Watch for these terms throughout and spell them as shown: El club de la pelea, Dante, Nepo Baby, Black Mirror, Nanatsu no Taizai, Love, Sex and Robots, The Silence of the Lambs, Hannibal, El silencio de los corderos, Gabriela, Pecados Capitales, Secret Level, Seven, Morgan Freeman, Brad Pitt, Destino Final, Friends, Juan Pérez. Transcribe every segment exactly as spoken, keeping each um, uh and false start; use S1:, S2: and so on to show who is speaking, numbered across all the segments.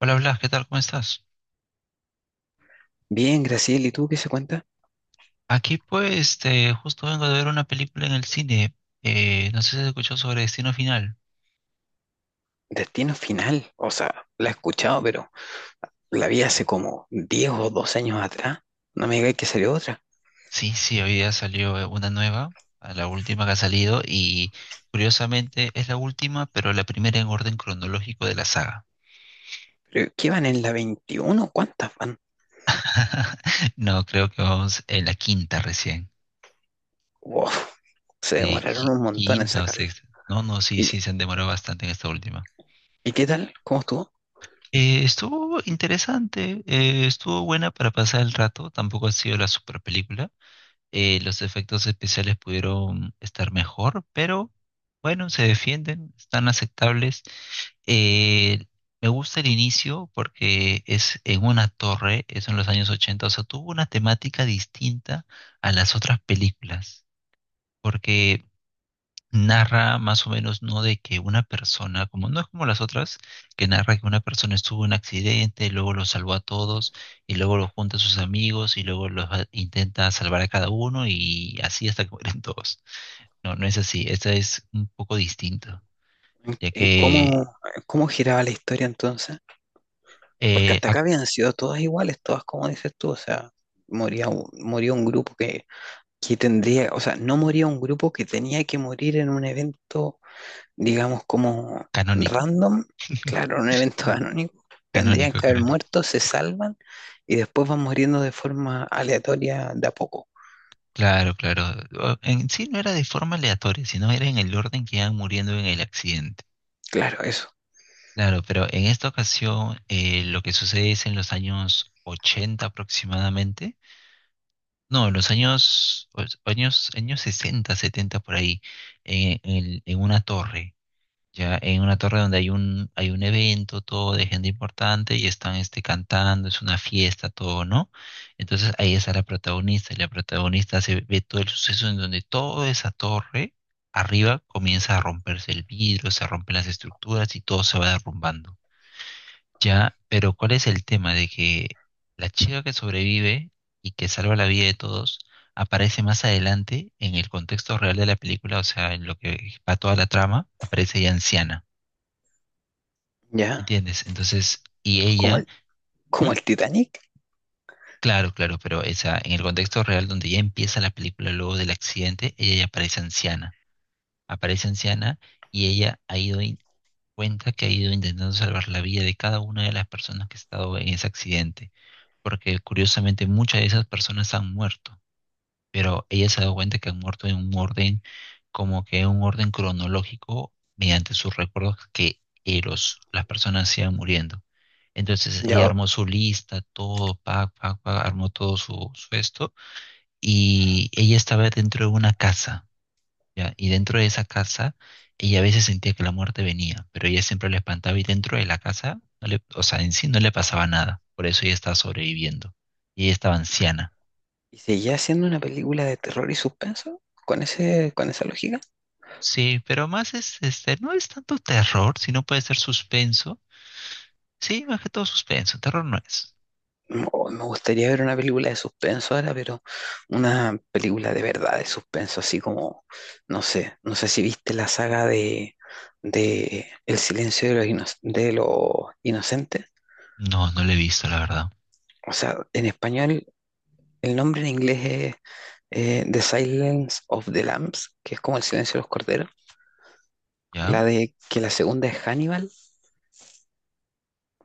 S1: Hola Blas, ¿qué tal? ¿Cómo estás?
S2: Bien, Graciela, ¿y tú qué se cuenta?
S1: Aquí pues este, justo vengo de ver una película en el cine. Eh, no sé si has escuchado sobre Destino Final.
S2: Destino Final, o sea, la he escuchado, pero la vi hace como diez o doce años atrás. No me digáis que salió otra.
S1: Sí, sí, hoy día salió eh, una nueva, a la última que ha salido y curiosamente es la última, pero la primera en orden cronológico de la saga.
S2: ¿Pero qué van en la veintiuno? ¿Cuántas van?
S1: No, creo que vamos en la quinta recién.
S2: Wow, se
S1: Sí,
S2: demoraron
S1: qui-
S2: un montón en
S1: quinta o
S2: sacarla.
S1: sexta. No, no, sí,
S2: ¿Y,
S1: sí, se han demorado bastante en esta última.
S2: y qué tal? ¿Cómo estuvo?
S1: Eh, estuvo interesante, eh, estuvo buena para pasar el rato, tampoco ha sido la super película. Eh, los efectos especiales pudieron estar mejor, pero bueno, se defienden, están aceptables. Eh, Me gusta el inicio porque es en una torre, es en los años ochenta, o sea, tuvo una temática distinta a las otras películas, porque narra más o menos, ¿no? De que una persona, como no es como las otras, que narra que una persona estuvo en un accidente, luego lo salvó a todos, y luego lo junta a sus amigos, y luego los a- intenta salvar a cada uno, y así hasta que mueren todos. No, no es así. Esta es un poco distinto,
S2: ¿En-
S1: ya
S2: en
S1: que
S2: cómo cómo giraba la historia entonces? Porque
S1: eh,
S2: hasta
S1: ac-
S2: acá habían sido todas iguales, todas como dices tú, o sea, moría, un- moría un grupo que, que tendría, o sea, no moría un grupo que tenía que morir en un evento digamos, como
S1: canónico.
S2: random, claro, un evento anónimo, tendrían
S1: Canónico,
S2: que haber
S1: canónico.
S2: muerto, se salvan y después van muriendo de forma aleatoria de a poco.
S1: Claro, claro. O- En sí no era de forma aleatoria, sino era en el orden que iban muriendo en el accidente.
S2: Claro, eso,
S1: Claro, pero en esta ocasión eh, lo que sucede es en los años ochenta aproximadamente, no, en los años, o- años, años sesenta, setenta por ahí, en, en- en una torre, ya en una torre donde hay un, hay un evento, todo de gente importante y están este, cantando, es una fiesta, todo, ¿no? Entonces ahí está la protagonista y la protagonista se ve todo el suceso en donde toda esa torre arriba comienza a romperse el vidrio, se rompen las estructuras y todo se va derrumbando. Ya, pero ¿cuál es el tema de que la chica que sobrevive y que salva la vida de todos aparece más adelante en el contexto real de la película, o sea, en lo que va toda la trama, aparece ya anciana,
S2: ya,
S1: ¿entiendes? Entonces, y
S2: como
S1: ella,
S2: el,
S1: ¿Mm?
S2: como el Titanic,
S1: Claro, claro, pero esa, en el contexto real donde ya empieza la película luego del accidente, ella ya aparece anciana, aparece anciana y ella ha ido in- cuenta que ha ido intentando salvar la vida de cada una de las personas que ha estado en ese accidente, porque curiosamente muchas de esas personas han muerto, pero ella se ha dado cuenta que han muerto en un orden, como que en un orden cronológico, mediante sus recuerdos que eh, los, las personas se iban muriendo. Entonces ella
S2: ya,
S1: armó su lista, todo, pac, pac, pac, armó todo su, su esto, y ella estaba dentro de una casa, ya, y dentro de esa casa, ella a veces sentía que la muerte venía, pero ella siempre la espantaba y dentro de la casa, no le- o sea, en sí no le pasaba nada, por eso ella estaba sobreviviendo. Y ella estaba anciana.
S2: y seguía siendo una película de terror y suspenso con ese, con esa lógica.
S1: Sí, pero más es, este, no es tanto terror, sino puede ser suspenso. Sí, más que todo suspenso, terror no es.
S2: Oh, me gustaría ver una película de suspenso ahora, pero una película de verdad de suspenso, así como, no sé, no sé si viste la saga de, de El silencio de los, ino- de los inocentes.
S1: No, no lo he visto, la verdad.
S2: O sea, en español, el nombre en inglés es eh, The Silence of the Lambs, que es como El silencio de los corderos.
S1: ¿Ya?
S2: La de que la segunda es Hannibal,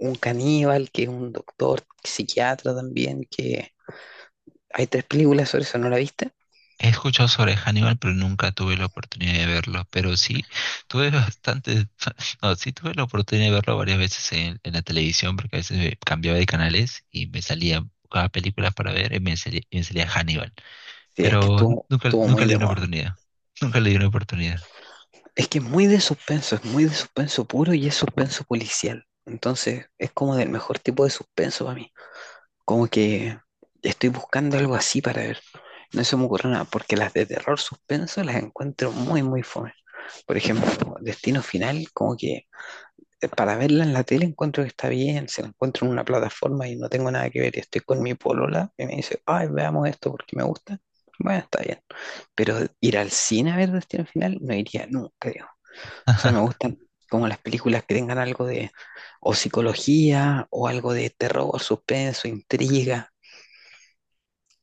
S2: un caníbal que es un doctor, psiquiatra también, que hay tres películas sobre eso, ¿no la viste?
S1: He escuchado sobre Hannibal, pero nunca tuve la oportunidad de verlo. Pero sí, tuve bastante, no, sí tuve la oportunidad de verlo varias veces en, en, la televisión, porque a veces me cambiaba de canales y me salía cada película para ver y me salía, y me salía Hannibal.
S2: Sí, es que
S1: Pero
S2: estuvo,
S1: nunca,
S2: estuvo
S1: nunca
S2: muy
S1: le di
S2: de
S1: una
S2: moda.
S1: oportunidad. Nunca le di una oportunidad.
S2: Es que es muy de suspenso, es muy de suspenso puro y es suspenso policial. Entonces es como del mejor tipo de suspenso para mí. Como que estoy buscando algo así para ver. No se me ocurre nada, porque las de terror suspenso las encuentro muy, muy fome. Por ejemplo, Destino Final, como que eh, para verla en la tele encuentro que está bien, se la encuentro en una plataforma y no tengo nada que ver. y Estoy con mi polola y me dice, ay, veamos esto porque me gusta. Bueno, está bien. Pero ir al cine a ver Destino Final no iría nunca, o sea, me gustan como las películas que tengan algo de o psicología o algo de terror, suspenso, intriga.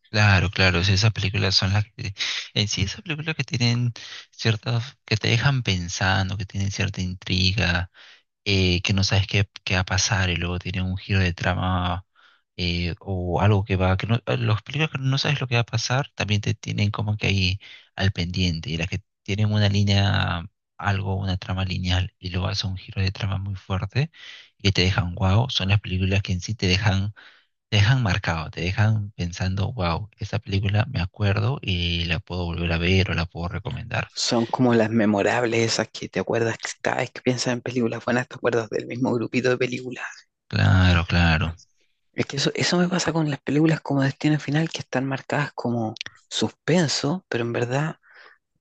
S1: Claro, claro, sí, esas películas son las que, en sí, esas películas que tienen ciertas, que te dejan pensando, que tienen cierta intriga, eh, que no sabes qué, qué va a pasar, y luego tiene un giro de trama, eh, o algo que va, que no, eh, los películas que no sabes lo que va a pasar también te tienen como que ahí al pendiente, y las que tienen una línea, algo, una trama lineal y luego hace un giro de trama muy fuerte y que te dejan wow, son las películas que en sí te dejan, te dejan marcado, te dejan pensando wow, esa película me acuerdo y la puedo volver a ver o la puedo recomendar.
S2: Son como las memorables esas que te acuerdas que cada vez que piensas en películas buenas te acuerdas del mismo grupito de películas.
S1: Claro, claro.
S2: Es que eso, eso me pasa con las películas como Destino Final que están marcadas como suspenso, pero en verdad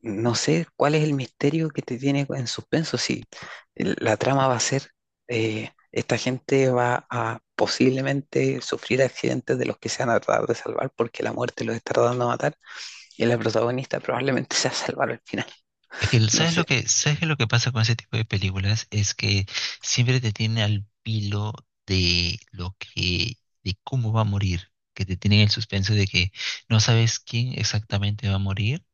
S2: no sé cuál es el misterio que te tiene en suspenso, si el- la trama va a ser, eh, esta gente va a posiblemente sufrir accidentes de los que se van a tratar de salvar porque la muerte los está tratando de matar y la protagonista probablemente se va a salvar al final,
S1: Es que,
S2: no
S1: ¿sabes lo
S2: sé,
S1: que, ¿sabes qué lo que pasa con ese tipo de películas? Es que siempre te tienen al pilo de lo que, de cómo va a morir, que te tienen el suspenso de que no sabes quién exactamente va a morir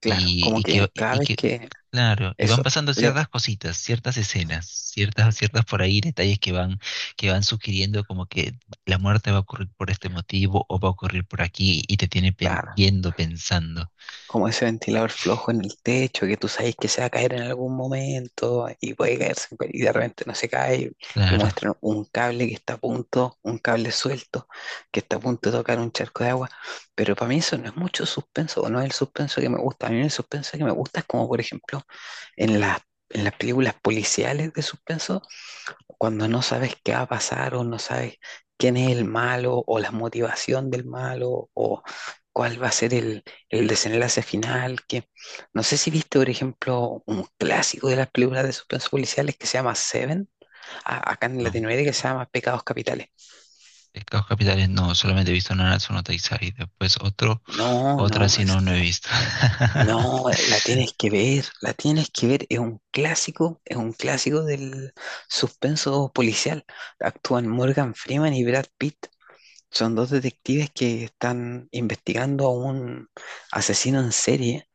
S2: claro,
S1: y,
S2: como
S1: y
S2: que
S1: que,
S2: cada
S1: y
S2: vez
S1: que,
S2: que
S1: claro, y van
S2: eso,
S1: pasando
S2: le,
S1: ciertas cositas, ciertas escenas, ciertas, ciertas por ahí, detalles que van, que van sugiriendo como que la muerte va a ocurrir por este motivo o va a ocurrir por aquí y te tiene pen-
S2: claro,
S1: viendo, pensando.
S2: como ese ventilador flojo en el techo, que tú sabes que se va a caer en algún momento y puede caerse en cual- y de repente no se cae y
S1: Claro,
S2: muestran un cable que está a punto, un cable suelto que está a punto de tocar un charco de agua, pero para mí eso no es mucho suspenso, o no es el suspenso que me gusta, a mí el suspenso que me gusta es como por ejemplo en las, en las, películas policiales de suspenso cuando no sabes qué va a pasar o no sabes quién es el malo o la motivación del malo o cuál va a ser el, el desenlace final, que no sé si viste, por ejemplo, un clásico de las películas de suspenso policiales que se llama Seven, a- acá en
S1: no.
S2: Latinoamérica se llama Pecados Capitales.
S1: Pecados capitales no, solamente he visto Nanatsu no Taizai. Después otro,
S2: No,
S1: otra
S2: no,
S1: sí
S2: es-
S1: no, no he visto.
S2: no, la tienes que ver, la tienes que ver, es un clásico, es un clásico del suspenso policial. Actúan Morgan Freeman y Brad Pitt. Son dos detectives que están investigando a un asesino en serie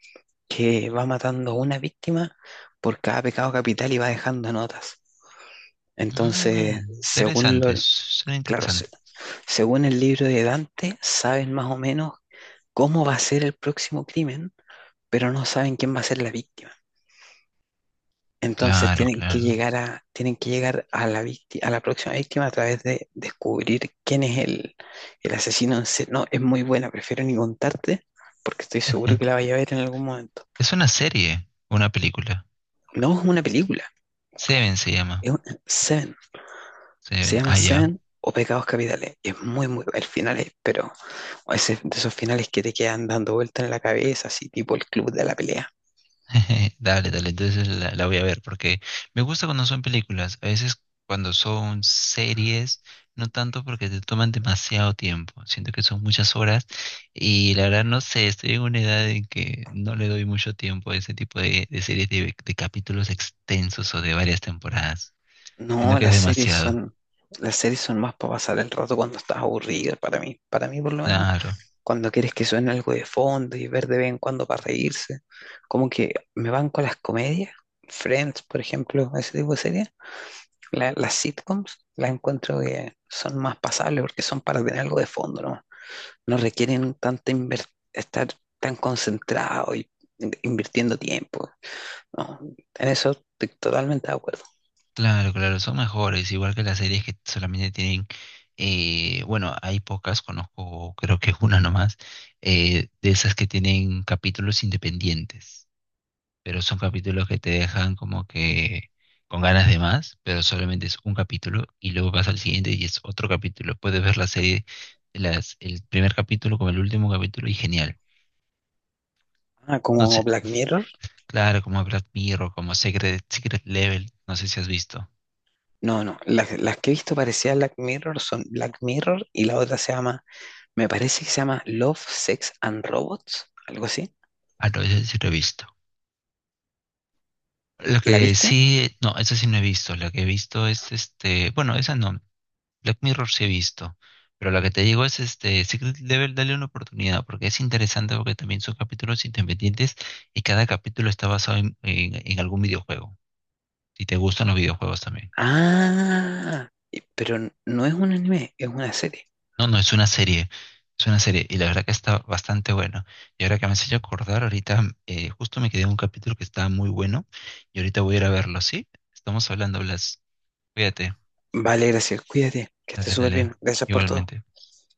S2: que va matando a una víctima por cada pecado capital y va dejando notas. Entonces,
S1: Mm,
S2: según
S1: interesante,
S2: lo,
S1: suena
S2: claro, se-
S1: interesante.
S2: según el libro de Dante, saben más o menos cómo va a ser el próximo crimen, pero no saben quién va a ser la víctima. Entonces
S1: Claro,
S2: tienen que
S1: claro.
S2: llegar a, tienen que llegar a la víctima, a la próxima víctima a través de descubrir quién es el, el asesino en serie. No, es muy buena, prefiero ni contarte porque estoy seguro que la vaya a ver en algún momento.
S1: Es una serie, una película.
S2: No es una película,
S1: Seven se llama.
S2: es un- Seven.
S1: Seven,
S2: Se llama
S1: ah, ya.
S2: Seven o Pecados Capitales. Es muy, muy, el final es, pero ese, de esos finales que te quedan dando vueltas en la cabeza, así tipo el club de la pelea.
S1: Dale, dale, entonces la, la voy a ver porque me gusta cuando son películas, a veces cuando son series, no tanto porque te toman demasiado tiempo, siento que son muchas horas y la verdad no sé, estoy en una edad en que no le doy mucho tiempo a ese tipo de, de series de, de capítulos extensos o de varias temporadas, siento
S2: No,
S1: que es
S2: las series
S1: demasiado,
S2: son, las series son más para pasar el rato cuando estás aburrido, para mí, para mí por lo menos,
S1: claro.
S2: cuando quieres que suene algo de fondo y ver de vez en cuando para reírse. Como que me van con las comedias, Friends, por ejemplo, ese tipo de series. La- las sitcoms las encuentro que son más pasables porque son para tener algo de fondo. No, no requieren tanta inver- estar tan concentrado y in- invirtiendo tiempo. No, en eso estoy totalmente de acuerdo.
S1: Claro, claro, son mejores, igual que las series que solamente tienen, eh, bueno, hay pocas, conozco, creo que es una nomás, eh, de esas que tienen capítulos independientes, pero son capítulos que te dejan como que con ganas de más, pero solamente es un capítulo y luego vas al siguiente y es otro capítulo. Puedes ver la serie, las, el primer capítulo como el último capítulo y genial.
S2: Ah,
S1: No
S2: como
S1: sé,
S2: Black Mirror.
S1: claro, como Black Mirror, como Secret, Secret Level, no sé si has visto.
S2: No, no, las, las que he visto parecidas a Black Mirror son Black Mirror y la otra se llama, me parece que se llama Love, Sex and Robots, algo así.
S1: Ah, no, ese sí lo he visto. Lo
S2: ¿La
S1: que
S2: viste?
S1: sí, no, eso sí no he visto. Lo que he visto es este, bueno, esa no. Black Mirror sí he visto. Pero lo que te digo es este, Secret Level, dale una oportunidad, porque es interesante porque también son capítulos independientes y cada capítulo está basado en, en, en algún videojuego. Si te gustan los videojuegos también.
S2: Ah, y- pero n- no es un anime, es una serie.
S1: No, no, es una serie. Es una serie. Y la verdad que está bastante bueno. Y ahora que me has hecho acordar, ahorita eh, justo me quedé en un capítulo que estaba muy bueno. Y ahorita voy a ir a verlo, ¿sí? Estamos hablando, Blas. Cuídate.
S2: Vale, gracias, cuídate, que estés
S1: Dale,
S2: súper
S1: dale.
S2: bien, gracias por todo.
S1: Igualmente.